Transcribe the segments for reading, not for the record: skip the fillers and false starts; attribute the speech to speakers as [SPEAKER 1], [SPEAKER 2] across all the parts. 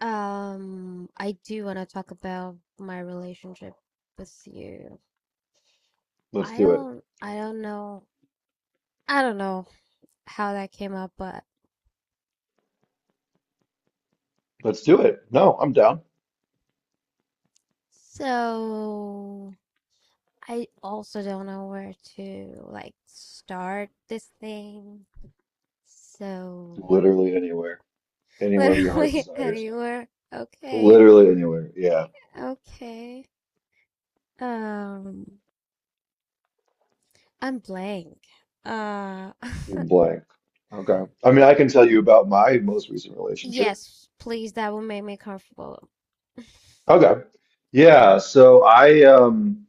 [SPEAKER 1] I do want to talk about my relationship with you.
[SPEAKER 2] Let's
[SPEAKER 1] I
[SPEAKER 2] do it.
[SPEAKER 1] don't, I don't know, I don't know how that came up, but
[SPEAKER 2] Let's do it. No, I'm down.
[SPEAKER 1] so I also don't know where to like start this thing. So
[SPEAKER 2] Literally anywhere. Anywhere your heart
[SPEAKER 1] literally
[SPEAKER 2] desires.
[SPEAKER 1] anywhere. Okay,
[SPEAKER 2] Literally anywhere. Yeah.
[SPEAKER 1] okay. Um, I'm blank. Uh,
[SPEAKER 2] You can blank. Okay. I mean, I can tell you about my most recent relationship.
[SPEAKER 1] yes, please, that would make me comfortable.
[SPEAKER 2] Okay. Yeah. So I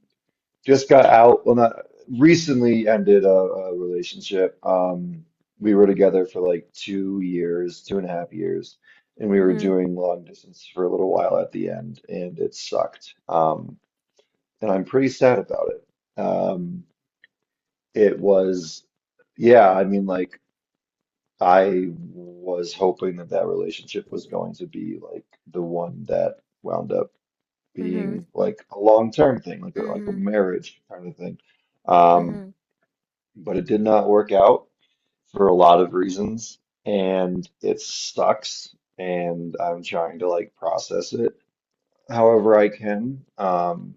[SPEAKER 2] just got out. Well, not recently ended a relationship. We were together for like 2 years, 2.5 years, and we were
[SPEAKER 1] Mm-hmm.
[SPEAKER 2] doing long distance for a little while at the end, and it sucked. And I'm pretty sad about it. It was, yeah, I mean, like, I was hoping that that relationship was going to be like the one that wound up
[SPEAKER 1] Mm-hmm.
[SPEAKER 2] being like a long-term thing, like a
[SPEAKER 1] Mhm,
[SPEAKER 2] marriage kind of thing. Um,
[SPEAKER 1] mhm.
[SPEAKER 2] but it did not work out for a lot of reasons, and it sucks. And I'm trying to like process it however I can. Um,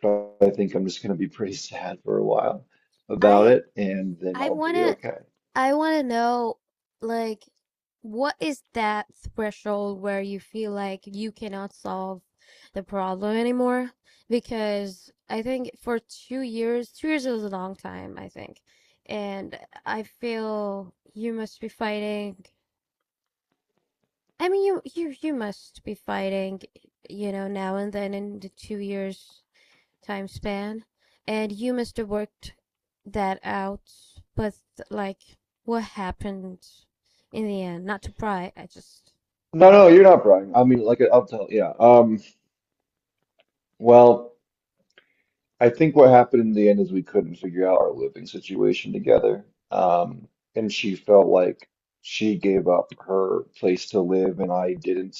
[SPEAKER 2] Probably think I'm just going to be pretty sad for a while about
[SPEAKER 1] I
[SPEAKER 2] it, and then
[SPEAKER 1] I
[SPEAKER 2] I'll be
[SPEAKER 1] wanna
[SPEAKER 2] okay.
[SPEAKER 1] I wanna know, like, what is that threshold where you feel like you cannot solve the problem anymore? Because I think for 2 years, 2 years is a long time, I think. And I feel you must be fighting. I mean, you must be fighting, you know, now and then in the 2 years time span, and you must have worked that out, but like what happened in the end? Not to pry, I just,
[SPEAKER 2] No, no, you're not Brian. I mean, like, I'll tell, yeah. Well, I think what happened in the end is we couldn't figure out our living situation together. And she felt like she gave up her place to live, and I didn't.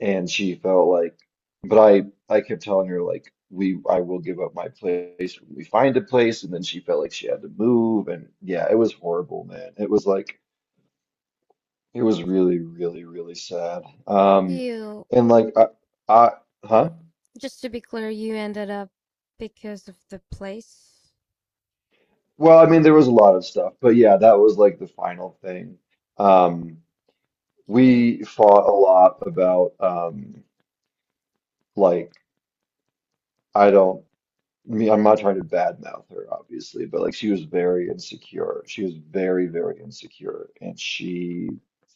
[SPEAKER 2] And she felt like, but I kept telling her like, I will give up my place when we find a place. And then she felt like she had to move, and yeah, it was horrible, man. It was really, really, really sad. Um,
[SPEAKER 1] you
[SPEAKER 2] and like, I, huh?
[SPEAKER 1] just to be clear, you ended up because of the place.
[SPEAKER 2] Well, I mean, there was a lot of stuff, but yeah, that was like the final thing. Um,
[SPEAKER 1] Okay.
[SPEAKER 2] we fought a lot about, like, I don't. I mean, I'm not trying to badmouth her, obviously, but like she was very insecure. She was very, very insecure, and she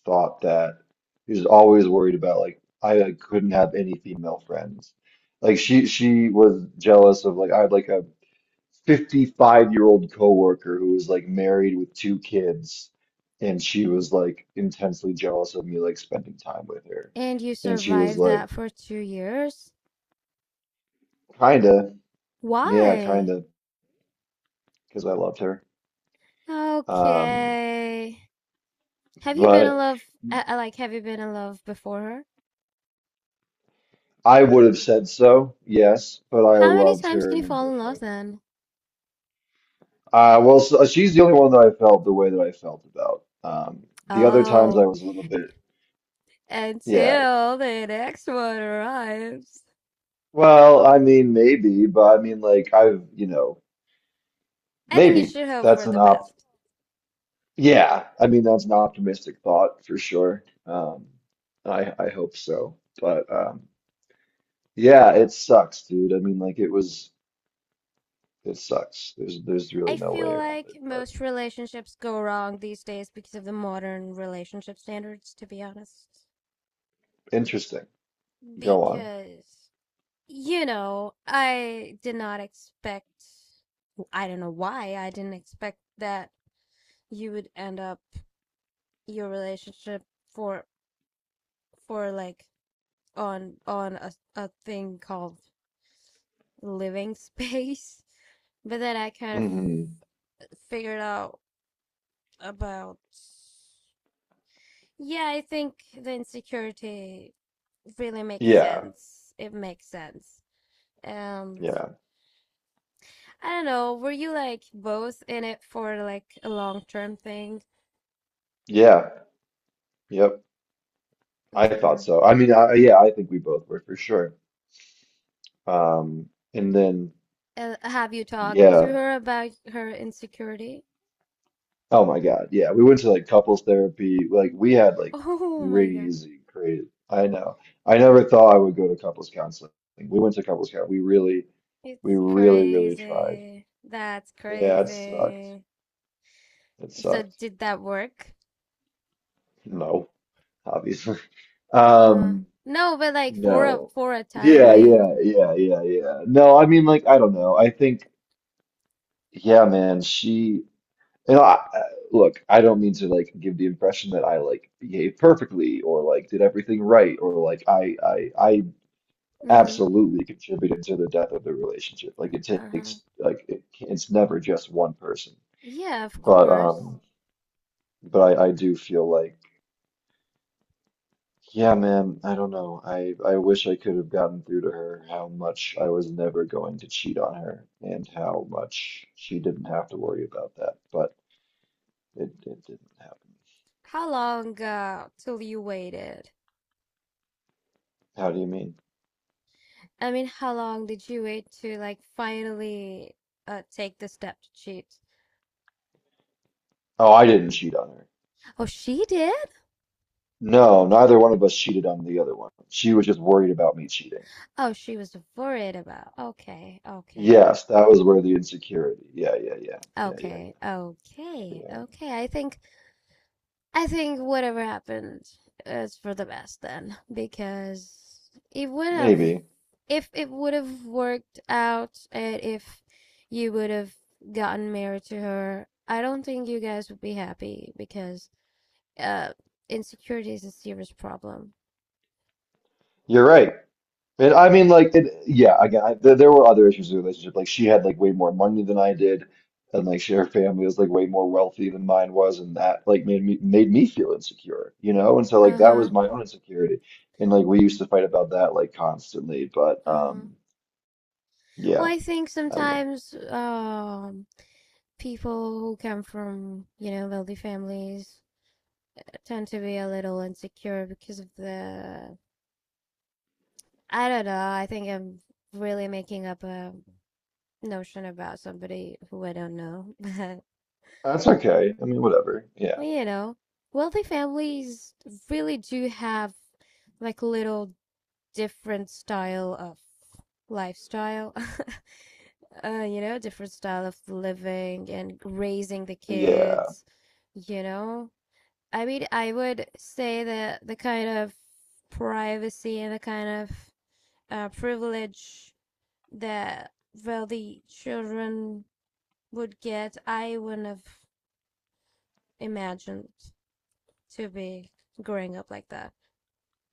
[SPEAKER 2] thought that she was always worried about like I like, couldn't have any female friends. Like she was jealous of like I had like a 55-year-old coworker who was like married with two kids, and she was like intensely jealous of me like spending time with her,
[SPEAKER 1] And you
[SPEAKER 2] and she was
[SPEAKER 1] survived
[SPEAKER 2] like
[SPEAKER 1] that for 2 years?
[SPEAKER 2] kinda yeah
[SPEAKER 1] Why?
[SPEAKER 2] kinda because I loved her. Um.
[SPEAKER 1] Okay. Have you been in
[SPEAKER 2] But
[SPEAKER 1] love? Like, have you been in love before her?
[SPEAKER 2] I would have said so, yes, but I
[SPEAKER 1] How many
[SPEAKER 2] loved
[SPEAKER 1] times
[SPEAKER 2] her
[SPEAKER 1] can you
[SPEAKER 2] in a
[SPEAKER 1] fall in love
[SPEAKER 2] different.
[SPEAKER 1] then?
[SPEAKER 2] Well, so she's the only one that I felt the way that I felt about. The other times I
[SPEAKER 1] Oh,
[SPEAKER 2] was a little bit, yeah.
[SPEAKER 1] until the next one arrives.
[SPEAKER 2] Well, I mean, maybe, but I mean, like, I've,
[SPEAKER 1] I think you
[SPEAKER 2] maybe
[SPEAKER 1] should hope
[SPEAKER 2] that's
[SPEAKER 1] for
[SPEAKER 2] an
[SPEAKER 1] the
[SPEAKER 2] opt.
[SPEAKER 1] best.
[SPEAKER 2] Yeah, I mean, that's an optimistic thought for sure. I hope so, but yeah, it sucks, dude. I mean, like, it sucks. There's
[SPEAKER 1] I
[SPEAKER 2] really no way
[SPEAKER 1] feel
[SPEAKER 2] around it,
[SPEAKER 1] like
[SPEAKER 2] but
[SPEAKER 1] most relationships go wrong these days because of the modern relationship standards, to be honest.
[SPEAKER 2] interesting. Go on.
[SPEAKER 1] Because, you know, I did not expect, I don't know why, I didn't expect that you would end up your relationship for, for like, on a thing called living space. But then I kind of
[SPEAKER 2] Hmm.
[SPEAKER 1] figured out about. Yeah, I think the insecurity really makes
[SPEAKER 2] Yeah,
[SPEAKER 1] sense. It makes sense. And
[SPEAKER 2] yeah,
[SPEAKER 1] I don't know, were you like both in it for like a long term thing?
[SPEAKER 2] yeah, yep. I
[SPEAKER 1] Mm-hmm.
[SPEAKER 2] thought so. I mean, I, yeah, I think we both were for sure. Um, and then,
[SPEAKER 1] Have you talked to
[SPEAKER 2] yeah,
[SPEAKER 1] her about her insecurity?
[SPEAKER 2] oh my God, yeah, we went to like couples therapy. Like we had like
[SPEAKER 1] Oh my God.
[SPEAKER 2] crazy, crazy. I know. I never thought I would go to couples counseling. We went to couples counseling. We
[SPEAKER 1] It's
[SPEAKER 2] really, really tried.
[SPEAKER 1] crazy. That's
[SPEAKER 2] Yeah, it sucked.
[SPEAKER 1] crazy.
[SPEAKER 2] It
[SPEAKER 1] So
[SPEAKER 2] sucked.
[SPEAKER 1] did that work?
[SPEAKER 2] No, obviously.
[SPEAKER 1] Uh-huh.
[SPEAKER 2] Um,
[SPEAKER 1] No, but like for a
[SPEAKER 2] No.
[SPEAKER 1] for a time
[SPEAKER 2] Yeah,
[SPEAKER 1] being.
[SPEAKER 2] yeah, yeah, yeah, yeah. No, I mean, like, I don't know. I think, yeah, man, she, you know, I, I- look, I don't mean to, like, give the impression that I, like, behaved perfectly or, like, did everything right or, like, I
[SPEAKER 1] Mm-hmm.
[SPEAKER 2] absolutely contributed to the death of the relationship. Like, it
[SPEAKER 1] Uh-huh.
[SPEAKER 2] takes, like, it's never just one person.
[SPEAKER 1] Yeah, of
[SPEAKER 2] But,
[SPEAKER 1] course.
[SPEAKER 2] um, but I do feel like. Yeah, man, I don't know. I wish I could have gotten through to her how much I was never going to cheat on her and how much she didn't have to worry about that, but it didn't happen.
[SPEAKER 1] How long, till you waited?
[SPEAKER 2] How do you mean?
[SPEAKER 1] I mean, how long did you wait to like finally take the step to cheat?
[SPEAKER 2] Oh, I didn't cheat on her.
[SPEAKER 1] Oh, she did?
[SPEAKER 2] No, neither one of us cheated on the other one. She was just worried about me cheating.
[SPEAKER 1] Oh, she was worried about. Okay, okay.
[SPEAKER 2] Yes, that was where the insecurity. Yeah, yeah, yeah. Yeah, yeah,
[SPEAKER 1] Okay, okay,
[SPEAKER 2] yeah.
[SPEAKER 1] okay. I think whatever happened is for the best then, because it would have,
[SPEAKER 2] Maybe.
[SPEAKER 1] if it would have worked out, and if you would have gotten married to her, I don't think you guys would be happy because uh, insecurity is a serious problem.
[SPEAKER 2] You're right. And I mean, like, it, yeah, again, there were other issues in the relationship. Like, she had like way more money than I did, and like, her family was like way more wealthy than mine was, and that like made me feel insecure, you know? And so like
[SPEAKER 1] Uh
[SPEAKER 2] that
[SPEAKER 1] huh.
[SPEAKER 2] was my own insecurity, and like we used to fight about that like constantly. But
[SPEAKER 1] Uh huh. Well,
[SPEAKER 2] yeah,
[SPEAKER 1] I think
[SPEAKER 2] I don't know.
[SPEAKER 1] sometimes people who come from, you know, wealthy families tend to be a little insecure because of the, I don't know. I think I'm really making up a notion about somebody who I don't know.
[SPEAKER 2] That's okay. I mean, whatever.
[SPEAKER 1] But,
[SPEAKER 2] Yeah,
[SPEAKER 1] well, you know, wealthy families really do have like little different style of lifestyle. You know, different style of living and raising the
[SPEAKER 2] yeah,
[SPEAKER 1] kids, you know. I mean, I would say that the kind of privacy and the kind of privilege that wealthy children would get, I wouldn't have imagined to be growing up like that.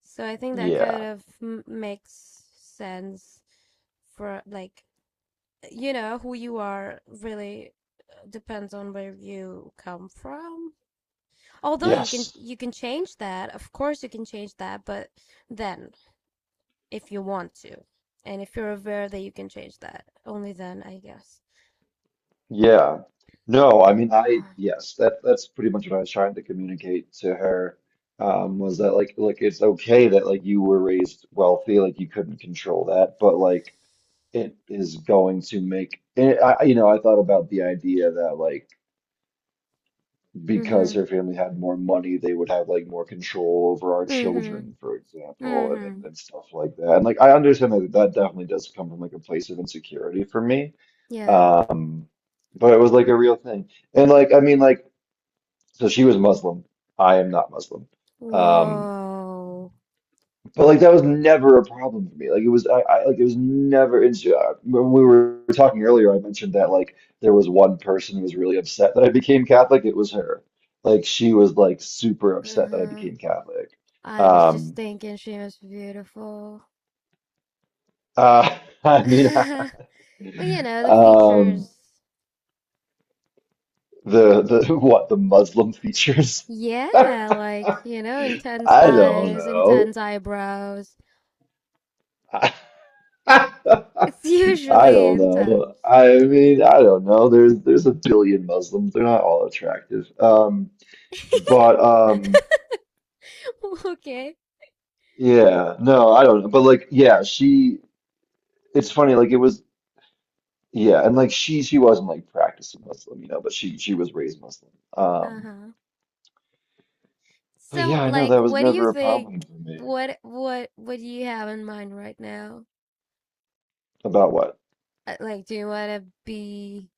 [SPEAKER 1] So I think that kind
[SPEAKER 2] yeah,
[SPEAKER 1] of makes sense for like, you know, who you are really depends on where you come from. Although you can
[SPEAKER 2] yes.
[SPEAKER 1] you can change that, of course you can change that, but then if you want to, and if you're aware that you can change that, only then I guess.
[SPEAKER 2] Yeah. No, I mean I
[SPEAKER 1] Oh.
[SPEAKER 2] yes, that's pretty much what I was trying to communicate to her. Was that like it's okay that like you were raised wealthy, like you couldn't control that, but like it is going to make and I thought about the idea that like
[SPEAKER 1] Mm-hmm.
[SPEAKER 2] because her family had more money, they would have like more control over our
[SPEAKER 1] Mhm.
[SPEAKER 2] children, for example, and, and,
[SPEAKER 1] Mhm.
[SPEAKER 2] and stuff like that. And like I understand that definitely does come from like a place of insecurity for me.
[SPEAKER 1] Yeah.
[SPEAKER 2] Um, but it was like a real thing. And like I mean like so she was Muslim. I am not Muslim. Um
[SPEAKER 1] Whoa.
[SPEAKER 2] but like that was never a problem for me. Like it was, I like it was never an. When we were talking earlier, I mentioned that like there was one person who was really upset that I became Catholic. It was her. Like she was like super upset that I
[SPEAKER 1] Uh-huh.
[SPEAKER 2] became Catholic.
[SPEAKER 1] I was just
[SPEAKER 2] Um,
[SPEAKER 1] thinking she was beautiful.
[SPEAKER 2] uh, I mean,
[SPEAKER 1] Well, you know, the
[SPEAKER 2] um,
[SPEAKER 1] features.
[SPEAKER 2] the what the Muslim features?
[SPEAKER 1] Yeah,
[SPEAKER 2] I
[SPEAKER 1] like, you know, intense
[SPEAKER 2] don't
[SPEAKER 1] eyes,
[SPEAKER 2] know.
[SPEAKER 1] intense eyebrows.
[SPEAKER 2] I
[SPEAKER 1] It's usually
[SPEAKER 2] don't know.
[SPEAKER 1] intense.
[SPEAKER 2] I mean, I don't know. There's a billion Muslims. They're not all attractive. Um, but
[SPEAKER 1] Okay.
[SPEAKER 2] yeah, no, I don't know. But like, yeah, she. It's funny. Like it was, yeah, and like she wasn't like practicing Muslim, but she was raised Muslim. Um,
[SPEAKER 1] Uh-huh.
[SPEAKER 2] but
[SPEAKER 1] So,
[SPEAKER 2] yeah, I know
[SPEAKER 1] like,
[SPEAKER 2] that was
[SPEAKER 1] what do you
[SPEAKER 2] never a
[SPEAKER 1] think?
[SPEAKER 2] problem for me.
[SPEAKER 1] What do you have in mind right now?
[SPEAKER 2] About what?
[SPEAKER 1] Like, do you want to be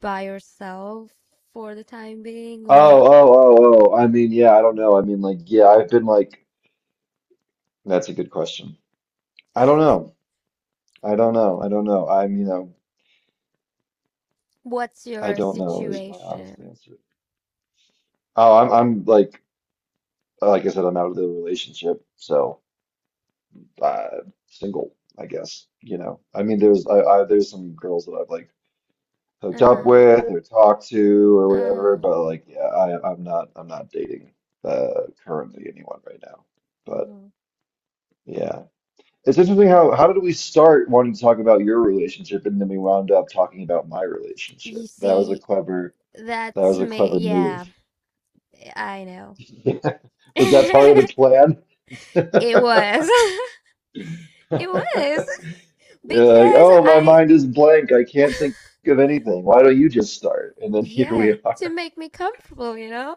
[SPEAKER 1] by yourself for the time being,
[SPEAKER 2] Oh,
[SPEAKER 1] or
[SPEAKER 2] oh, oh, oh. I mean, yeah, I don't know. I mean, like, yeah, I've been like, that's a good question. I don't know. I don't know. I don't know. I mean, you know.
[SPEAKER 1] what's
[SPEAKER 2] I
[SPEAKER 1] your
[SPEAKER 2] don't know is my honest
[SPEAKER 1] situation?
[SPEAKER 2] answer. Oh, I'm like I said, I'm out of the relationship, so uh single, I guess. You know, I mean, there's some girls that I've like hooked
[SPEAKER 1] Uh
[SPEAKER 2] up
[SPEAKER 1] huh.
[SPEAKER 2] with or talked to or whatever,
[SPEAKER 1] Uh
[SPEAKER 2] but like yeah, I'm not dating currently anyone right now.
[SPEAKER 1] huh.
[SPEAKER 2] But
[SPEAKER 1] Hmm.
[SPEAKER 2] yeah, it's interesting how did we start wanting to talk about your relationship and then we wound up talking about my
[SPEAKER 1] You
[SPEAKER 2] relationship. That was a
[SPEAKER 1] see,
[SPEAKER 2] clever that was
[SPEAKER 1] that's
[SPEAKER 2] a
[SPEAKER 1] me.
[SPEAKER 2] clever move.
[SPEAKER 1] Yeah, eh, I know.
[SPEAKER 2] Was that part of the
[SPEAKER 1] It
[SPEAKER 2] plan?
[SPEAKER 1] was. It was.
[SPEAKER 2] You're
[SPEAKER 1] Because
[SPEAKER 2] like, oh, my
[SPEAKER 1] I,
[SPEAKER 2] mind is blank. I can't think of anything. Why don't you just start? And then here we
[SPEAKER 1] yeah, to
[SPEAKER 2] are.
[SPEAKER 1] make me comfortable, you know?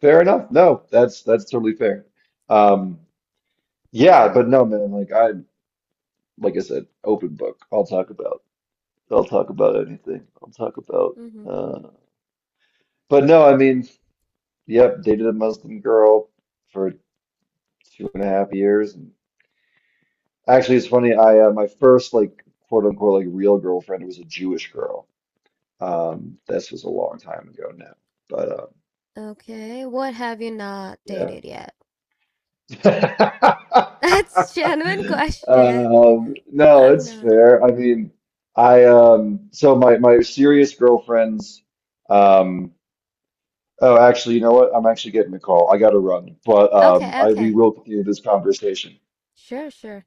[SPEAKER 2] Fair enough. No, that's totally fair. Um, yeah, but no, man. Like I said, open book. I'll talk about. I'll talk about anything. I'll talk about.
[SPEAKER 1] Hmm.
[SPEAKER 2] Uh, but no, I mean, yep. Dated a Muslim girl for 2.5 years. Actually, it's funny. I my first like quote unquote like real girlfriend was a Jewish girl. This was a long time ago now, but
[SPEAKER 1] Okay, what have you not dated yet?
[SPEAKER 2] yeah.
[SPEAKER 1] That's a genuine question.
[SPEAKER 2] No,
[SPEAKER 1] I've
[SPEAKER 2] it's
[SPEAKER 1] not.
[SPEAKER 2] fair. I mean, I so my serious girlfriends. Um, oh, actually, you know what? I'm actually getting a call. I gotta run, but
[SPEAKER 1] Okay,
[SPEAKER 2] I we
[SPEAKER 1] okay.
[SPEAKER 2] will continue this conversation.
[SPEAKER 1] Sure, sure.